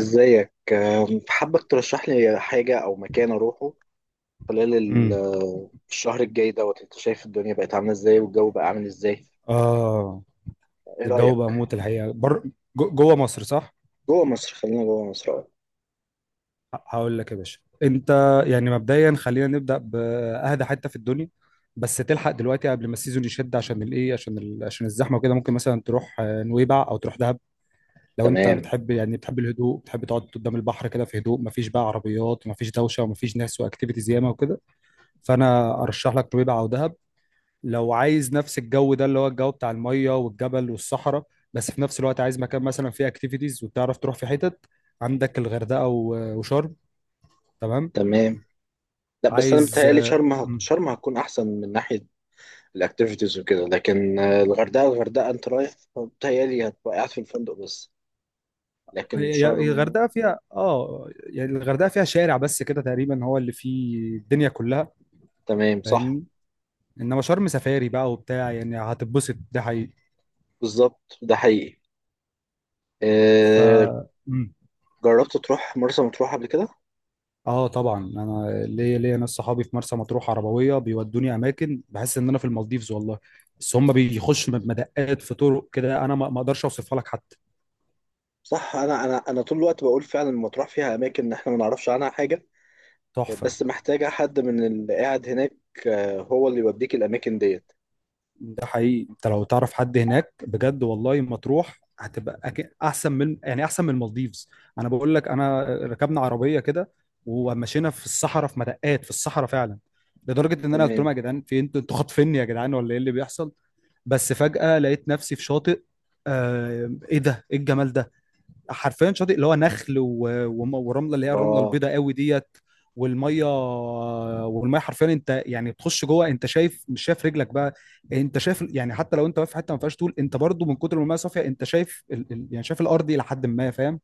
ازيك حابك ترشح لي حاجة أو مكان أروحه خلال امم، الشهر الجاي دوت. أنت شايف الدنيا بقت عاملة إزاي والجو بقى عامل إزاي؟ اه، إيه الجو بقى رأيك؟ موت الحقيقه، جوه مصر، صح. جوه مصر، خلينا جوه مصر، أه. هقول لك يا باشا انت. يعني مبدئيا، خلينا نبدا باهدى حته في الدنيا، بس تلحق دلوقتي قبل ما السيزون يشد، عشان الايه، عشان عشان الزحمه وكده. ممكن مثلا تروح نويبع او تروح دهب، لو انت تمام. بتحب، يعني بتحب الهدوء، بتحب تقعد قدام البحر كده في هدوء، مفيش بقى عربيات ومفيش دوشه ومفيش ناس واكتيفيتيز ياما وكده. فانا ارشح لك نويبع او دهب. لو عايز نفس الجو ده، اللي هو الجو بتاع المية والجبل والصحراء، بس في نفس الوقت عايز مكان مثلا فيه اكتيفيتيز وتعرف تروح في حتت، عندك الغردقة وشرم. تمام. تمام. لا، بس أنا عايز بتهيألي آه، شرم مم. شرم هتكون أحسن من ناحية الأكتيفيتيز وكده، لكن الغردقة، الغردقة أنت رايح بتهيألي هتبقى قاعد في الفندق بس. لكن هي شرم. الغردقة فيها يعني الغردقة فيها شارع بس كده تقريبا، هو اللي فيه الدنيا كلها. تمام صح. فاهمني؟ انما شرم سفاري بقى وبتاع، يعني هتتبسط ده حقيقي. بالظبط ده حقيقي. ف أه. جربت تروح مرسى مطروح قبل كده؟ اه طبعا انا ليا ناس صحابي في مرسى مطروح، عربويه بيودوني اماكن، بحس ان انا في المالديفز والله. بس هم بيخشوا مدقات في طرق كده، انا ما اقدرش اوصفها لك حتى. صح. انا طول الوقت بقول فعلا مطروح فيها اماكن احنا ما نعرفش عنها حاجه، تحفه. بس محتاجه حد من اللي قاعد هناك، هو اللي يوديك الاماكن ديت. ده حقيقي، انت لو تعرف حد هناك بجد والله، مطروح هتبقى احسن من، يعني احسن من المالديفز. انا بقول لك، انا ركبنا عربيه كده، ومشينا في الصحراء، في مدقات في الصحراء فعلا، لدرجه ان انا قلت تمام. لهم: يا جدعان، في انتوا خاطفيني يا جدعان ولا ايه اللي بيحصل؟ بس فجاه لقيت نفسي في شاطئ. ايه ده، ايه الجمال ده! حرفيا شاطئ، اللي هو نخل ورمله، اللي هي الرمله الله. البيضاء قوي ديت. والميه، والميه حرفيا، انت يعني بتخش جوه انت شايف، مش شايف رجلك بقى. انت شايف، يعني حتى لو انت واقف في حته ما فيهاش طول، انت برضو من كتر ما الميه صافيه انت شايف يعني شايف الارض الى حد ما. فاهم؟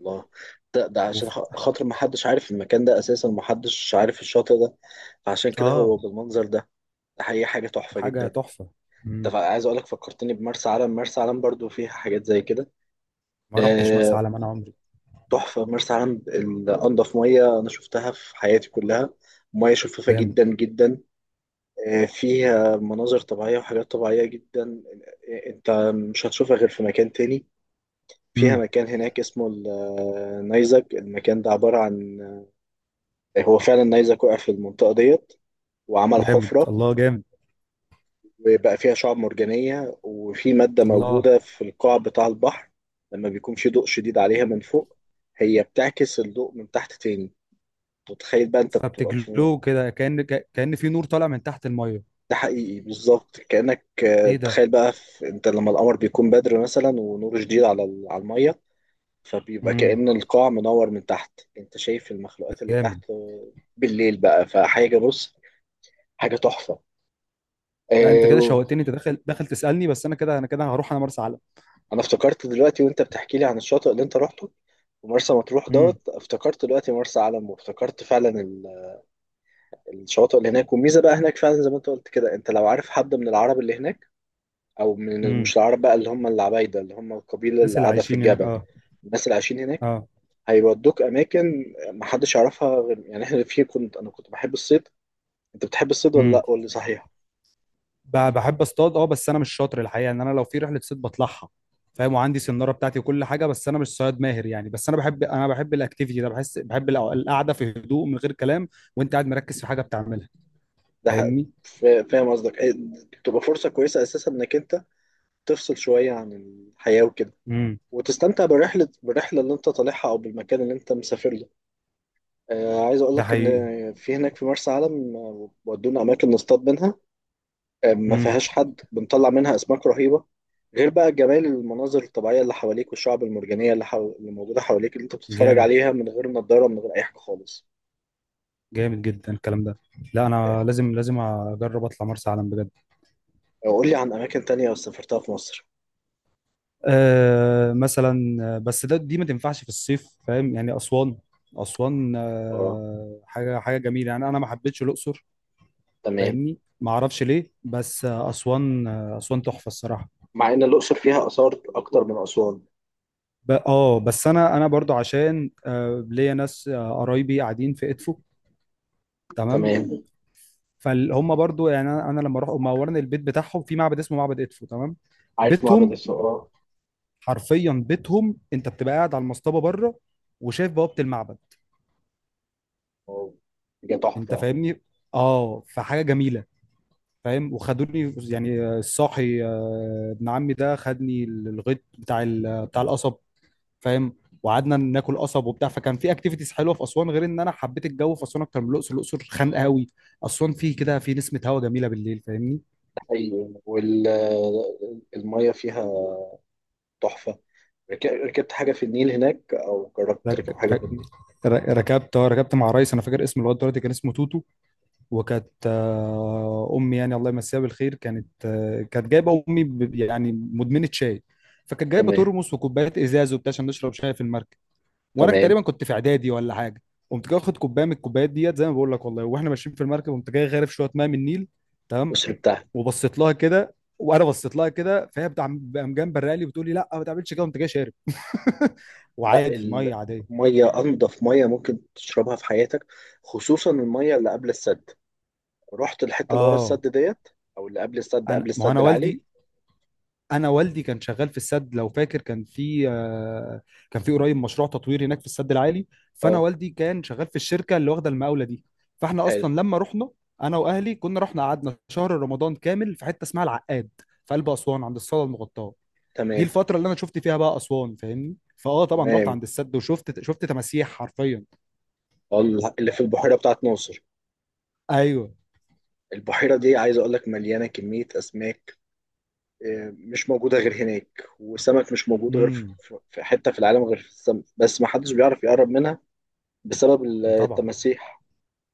الله. ده عشان وف... خاطر ما حدش عارف المكان ده اساسا، ما حدش عارف الشاطئ ده. عشان كده اه، هو بالمنظر ده. ده حقيقي حاجه تحفه حاجه جدا. تحفه. مم. عايز اقول لك فكرتني بمرسى علم. مرسى علم برضو فيها حاجات زي كده. ما رحتش مرسى آه. علم انا عمري. تحفه مرسى علم، انضف ميه انا شفتها في حياتي كلها، ميه شفافه جامد. جدا جدا. فيها مناظر طبيعية وحاجات طبيعية جدا. انت مش هتشوفها غير في مكان تاني. فيها امم. مكان هناك اسمه النيزك. المكان ده عبارة عن، هو فعلا النيزك وقع في المنطقة ديت وعمل جامد. حفرة، الله جامد. وبقى فيها شعاب مرجانية، وفي مادة الله، موجودة في القاع بتاع البحر، لما بيكون في ضوء شديد عليها من فوق، هي بتعكس الضوء من تحت تاني. تتخيل بقى انت بتبقى في، فبتجلو كده، كأن في نور طالع من تحت الميه. ده حقيقي، بالظبط كأنك، ايه ده! تخيل بقى، في انت لما القمر بيكون بدر مثلا ونور شديد على على المية، فبيبقى امم. كأن القاع منور من تحت، انت شايف المخلوقات اللي جامد. تحت، بالليل بقى، فحاجة، بص، حاجة تحفة. لا، انت آه، كده و- شوقتني، انت داخل داخل تسالني، بس انا كده هروح انا مرسى علم. انا افتكرت دلوقتي وانت بتحكي لي عن الشاطئ اللي انت روحته ومرسى مطروح امم. دوت. افتكرت دلوقتي مرسى علم وافتكرت فعلا الشواطئ اللي هناك، والميزة بقى هناك فعلا زي ما انت قلت كده، انت لو عارف حد من العرب اللي هناك، او من امم. مش العرب بقى اللي هم العبايده، اللي هم القبيله الناس اللي اللي قاعده في عايشين هناك، الجبل، اه. الناس اللي عايشين هناك اه. هيودوك اماكن محدش يعرفها. غير يعني احنا في كنت، انا كنت بحب الصيد. انت بتحب الصيد ولا امم، لا ولا صحيح؟ بحب اصطاد، اه، بس انا مش شاطر الحقيقه، ان انا لو في رحله صيد بطلعها. فاهم، وعندي سناره بتاعتي وكل حاجه، بس انا مش صياد ماهر يعني. بس انا بحب الاكتيفيتي ده، بحس، بحب القعده في هدوء من غير كلام، وانت قاعد مركز في حاجه بتعملها. ده ح- فاهمني؟ فاهم قصدك إيه. تبقى فرصه كويسه اساسا انك انت تفصل شويه عن الحياه وكده، امم. وتستمتع بالرحله، بالرحله اللي انت طالعها او بالمكان اللي انت مسافر له. آه، عايز اقول ده لك ان حقيقي. في هناك في مرسى علم، ودونا اماكن نصطاد منها، ما امم. فيهاش حد، بنطلع منها اسماك رهيبه غير بقى جمال المناظر الطبيعيه اللي حواليك، والشعب المرجانيه اللي موجوده حواليك، اللي انت بتتفرج جامد. عليها من غير نضاره، من غير اي حاجه خالص. جامد جدا الكلام ده. لا، آه. انا لازم اجرب اطلع مرسى علم بجد. قول لي عن اماكن تانية سافرتها في مصر. مثلا بس ده، دي ما تنفعش في الصيف، فاهم يعني؟ أسوان. أسوان، اه. حاجة، حاجة جميلة يعني، أنا ما حبيتش الأقصر. تمام. فاهمني، ما أعرفش ليه، بس أسوان. أسوان تحفة الصراحة. مع ان الاقصر فيها اثار اكتر من اسوان. بس انا برضو عشان ليا ناس، قرايبي قاعدين في ادفو. تمام. تمام. فهم برضو يعني، انا لما اروح هم اولا، البيت بتاعهم في معبد اسمه معبد ادفو. تمام. عارف معبد بيتهم، الفقراء. حرفيا بيتهم، انت بتبقى قاعد على المصطبه بره، وشايف بوابه المعبد. آه، حاجه تحفه. انت ده فاهمني. اه، فحاجه جميله. فاهم. وخدوني يعني، الصاحي، ابن عمي ده خدني الغيط بتاع القصب. فاهم، وقعدنا ناكل قصب وبتاع، فكان في اكتيفيتيز حلوه في اسوان، غير ان انا حبيت الجو في اسوان اكتر من الاقصر. الاقصر خانقه قوي. اسوان فيه كده في نسمه هوا جميله بالليل. فاهمني؟ حقيقي. والميه فيها تحفه. ركبت حاجه في النيل هناك او جربت رك... تركب حاجه في النيل؟ رك... ركبت، ركبت مع ريس انا فاكر اسمه لغايه دلوقتي، كان اسمه توتو. وكانت امي، يعني الله يمسيها بالخير، كانت جايبه، امي يعني مدمنه شاي. فكانت جايبه تمام. ترمس وكوبايات ازاز وبتاع، عشان نشرب شاي في المركب. وانا تمام. تقريبا كنت في اعدادي ولا حاجه. قمت جاي واخد كوبايه من الكوبايات ديت، زي ما بقول لك والله، واحنا ماشيين في المركب قمت جاي غارف شويه ميه من النيل. تمام. الأقصر بتاعها. وبصيت لها كده، وانا بصيت لها كده، فهي بتاع، قام جنب لي بتقول لي: لا ما تعملش كده، قمت جاي شارب. لا، وعادي، ميه عاديه. المية أنضف مية ممكن تشربها في حياتك، خصوصا المية اللي قبل السد. رحت الحتة اللي ورا اه، السد ديت أو اللي قبل السد، انا، قبل ما هو السد انا العالي؟ والدي انا والدي كان شغال في السد لو فاكر، كان في قريب مشروع تطوير هناك في السد العالي. فانا اه. والدي كان شغال في الشركه اللي واخده المقاوله دي. فاحنا حلو. اصلا لما رحنا، انا واهلي كنا رحنا، قعدنا شهر رمضان كامل في حته اسمها العقاد، في قلب اسوان عند الصاله المغطاه. دي تمام. الفتره اللي انا شفت فيها بقى اسوان. فاهمني. فاه طبعا رحت تمام. عند السد، وشفت، شفت تماسيح حرفيا. اللي في البحيرة بتاعت ناصر. ايوه. البحيرة دي عايز أقول لك مليانة كمية أسماك، مش موجودة غير هناك، وسمك مش موجود غير في امم. في حتة في العالم، غير في السمك بس، ما حدش بيعرف يقرب منها بسبب طبعا. التماسيح.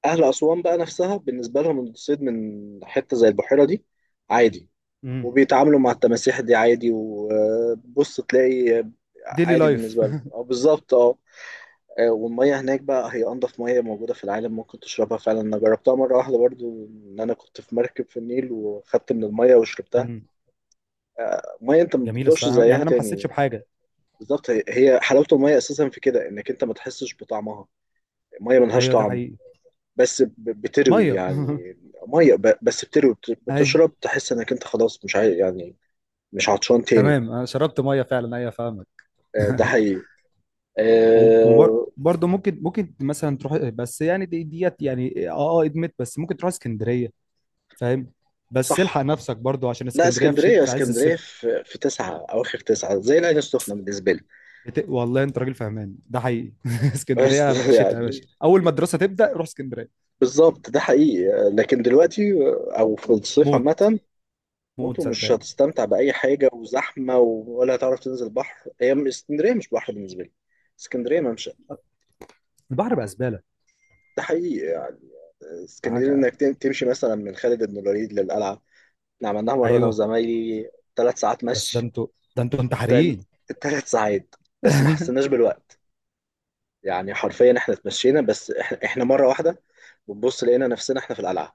أهل أسوان بقى نفسها بالنسبة لهم الصيد من حتة زي البحيرة دي عادي. امم. وبيتعاملوا مع التماسيح دي عادي، وبص تلاقي ديلي عادي لايف. بالنسبة لهم. اه، بالظبط اه. والمية هناك بقى هي أنضف مية موجودة في العالم ممكن تشربها، فعلا أنا جربتها مرة واحدة برضو، إن أنا كنت في مركب في النيل وخدت من المية وشربتها. امم، مية أنت ما جميله بتدوقش الصراحه يعني، زيها انا ما حسيتش تاني. بحاجه. بالظبط، هي حلاوة المية أساسا في كده، إنك أنت ما تحسش بطعمها، المية ملهاش ايوه، ده طعم. حقيقي. بس ب- بتروي ميه. يعني. مية بس بتروي، ايوه، بتشرب تحس إنك أنت خلاص مش يعني مش عطشان تاني. تمام، انا شربت ميه فعلا، ايوه، فاهمك. ده حقيقي. آه، وبرضه ممكن مثلا تروح، بس يعني دي ديت يعني، اه، اه، ادمت، بس ممكن تروح اسكندريه. فاهم. بس صح. الحق نفسك برضه، عشان لا اسكندريه اسكندريه، في عز اسكندريه الصيف. في في تسعه، اواخر تسعه، زي العين السخنه بالنسبه لي. والله انت راجل فهمان، ده حقيقي. بس اسكندريه شتاء يا باشا، يعني اول ما الدراسه تبدا روح اسكندريه. بالظبط ده حقيقي. لكن دلوقتي، او في الصيف موت. عامه موت، موتو. مش صدقني. هتستمتع باي حاجه، وزحمه، ولا هتعرف تنزل بحر. هي اسكندريه مش بحر بالنسبه لي. اسكندريه ممشى. البحر بقى زباله. ده حقيقي يعني. اسكندريه حاجه. انك تمشي مثلا من خالد بن الوليد للقلعه. احنا عملناها مره انا ايوه، وزمايلي. ثلاث ساعات بس ده مشي. انتوا ده انتوا تل... انتحاريين. تلات ساعات، بس ما حسيناش بالوقت. يعني حرفيا احنا اتمشينا، بس احنا مره واحده بنبص لقينا نفسنا احنا في القلعه.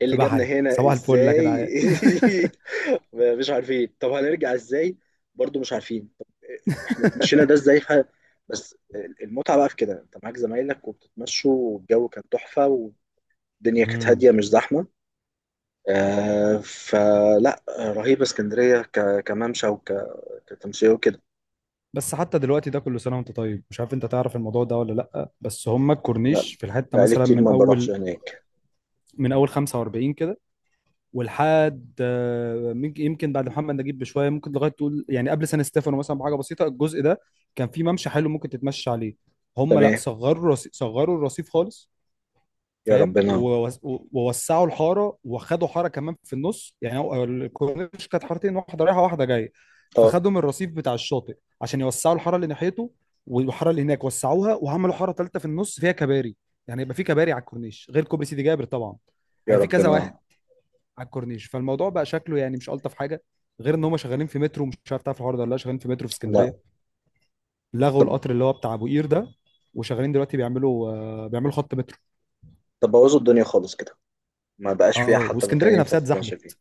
ايه اللي في جابنا بحري هنا صباح الفل يا ازاي؟ جدعان. مش عارفين طب هنرجع ازاي، برضو مش عارفين طب احنا اتمشينا ده ازاي بس المتعه بقى في كده، انت معاك زمايلك وبتتمشوا والجو كان تحفه والدنيا كانت هاديه مش زحمه. آه فلا رهيبه اسكندريه كممشى كتمشيه وكده. بس حتى دلوقتي ده، كل سنه وانت طيب، مش عارف انت تعرف الموضوع ده ولا لا، بس هم لا، الكورنيش في الحته بقالي مثلا كتير من ما بروحش اول هناك. من اول 45 كده، ولحد يمكن بعد محمد نجيب بشويه، ممكن لغايه تقول يعني قبل سان ستيفانو مثلا بحاجه بسيطه، الجزء ده كان فيه ممشى حلو ممكن تتمشى عليه. هم لا، تمام. صغروا الرصيف، صغروا الرصيف خالص. يا فاهم، ربنا. ووسعوا الحاره، وخدوا حاره كمان في النص، يعني هو الكورنيش كانت حارتين، واحده رايحه واحده جايه، اه. فخدوا من الرصيف بتاع الشاطئ عشان يوسعوا الحاره اللي ناحيته، والحاره اللي هناك وسعوها، وعملوا حاره ثالثه في النص فيها كباري. يعني يبقى في كباري على الكورنيش، غير كوبري سيدي جابر طبعا، يا هيبقى في كذا واحد ربنا. على الكورنيش، فالموضوع بقى شكله يعني مش الطف حاجه. غير ان هم شغالين في مترو، مش عارف تعرف الحوار ده ولا لا، شغالين في مترو في لا. اسكندريه. لغوا طب. القطر اللي هو بتاع ابو قير ده، وشغالين دلوقتي بيعملوا خط مترو. طب بوظوا الدنيا خالص كده، ما بقاش فيها اه، حتى مكان واسكندريه ينفع نفسها تتمشى اتزحمت، فيه.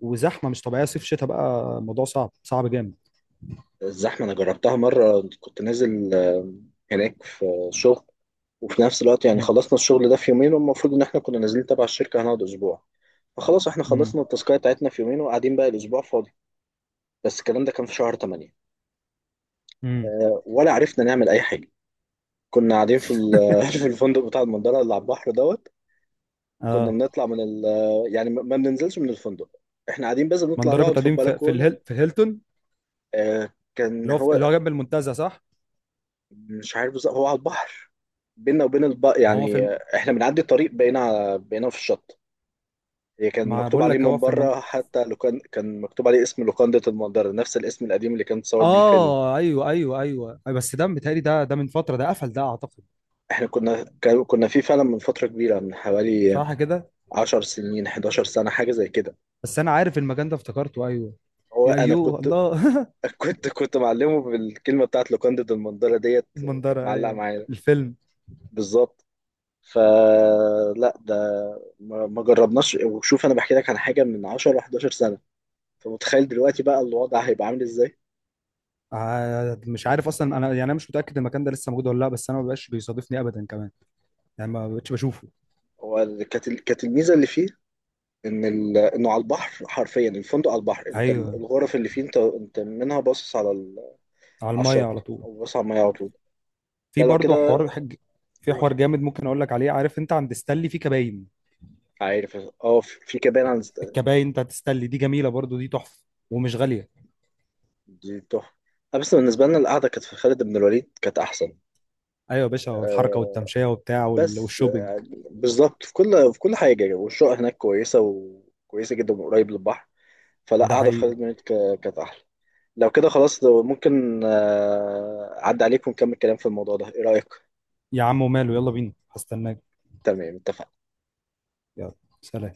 وزحمه مش طبيعيه، صيف شتاء، بقى الموضوع صعب، صعب جامد. الزحمة أنا جربتها مرة، كنت نازل هناك في شغل، وفي نفس الوقت يعني امم. خلصنا الشغل ده في يومين، والمفروض إن إحنا كنا نازلين تبع الشركة هنقعد أسبوع. فخلاص إحنا امم. خلصنا التاسكاية بتاعتنا في يومين، وقاعدين بقى الأسبوع فاضي. بس الكلام ده كان في شهر 8، امم. ولا عرفنا نعمل أي حاجة. كنا قاعدين في في الفندق بتاع المنظرة اللي على البحر دوت. كنا اه، بنطلع من ال، يعني ما بننزلش من الفندق، احنا قاعدين بس ما بنطلع انا كنت نقعد في قاعدين في البلكونة. الهيلتون، كان هو. اللي هو جنب المنتزه، صح؟ مش عارف بالظبط هو على البحر، بينا وبين ما هو في يعني الم... احنا بنعدي الطريق بقينا بقينا في الشط. هي كان ما مكتوب بقول عليه لك هو من في بره، حتى لو كان كان مكتوب عليه اسم لوكاندة المنظرة، نفس الاسم القديم اللي كان اتصور بيه الفيلم. اه، ايوه، ايوه، ايوه، أيوة، بس ده متهيألي، ده ده من فتره، ده قفل ده اعتقد. احنا كنا كنا فيه فعلا من فترة كبيرة، من حوالي صح كده، 10 سنين، 11 سنة حاجة زي كده. بس انا عارف المكان ده، افتكرته، ايوه. هو يا انا ايوه كنت الله. كنت معلمه بالكلمه بتاعت لوكاندو دي، المندله ديت. كانت المنظره، معلقه ايوه. معايا. الفيلم. بالظبط. فلا ده ما جربناش. وشوف انا بحكي لك عن حاجه من 10 ل 11 سنه، فمتخيل دلوقتي بقى الوضع هيبقى عامل ازاي. مش عارف اصلا انا يعني، انا مش متاكد المكان ده لسه موجود ولا لا، بس انا ما بقاش بيصادفني ابدا كمان، يعني ما بقتش بشوفه. هو كانت كانت الميزه اللي فيه، ان انه على البحر حرفيا، الفندق على البحر، انت ايوه. الغرف اللي فيه، انت منها باصص على على على الميه على الشط طول. او باصص على الميه على طول. لا في لو برضه كده. حوار في قول. حوار جامد ممكن اقول لك عليه، عارف انت عند ستانلي في كباين؟ عارف. اه، في، في كمان عن. الكباين بتاعت ستانلي دي جميله برضه، دي تحفه، ومش غاليه. دي تحفة. بس بالنسبة لنا القعدة كانت في خالد بن الوليد كانت أحسن. ايوه يا باشا، الحركه آه، والتمشيه وبتاع، بس والشوبينج. يعني بالظبط في كل في كل حاجة، والشقة هناك كويسة وكويسة جدا وقريب للبحر. فلا ده قعدة في خالد حقيقي. بن الوليد كانت أحلى. لو كده خلاص، لو ممكن أعدي عليك ونكمل كلام في الموضوع ده، إيه رأيك؟ يا عم وماله، يلا بينا، هستناك. تمام اتفقنا. يلا. سلام.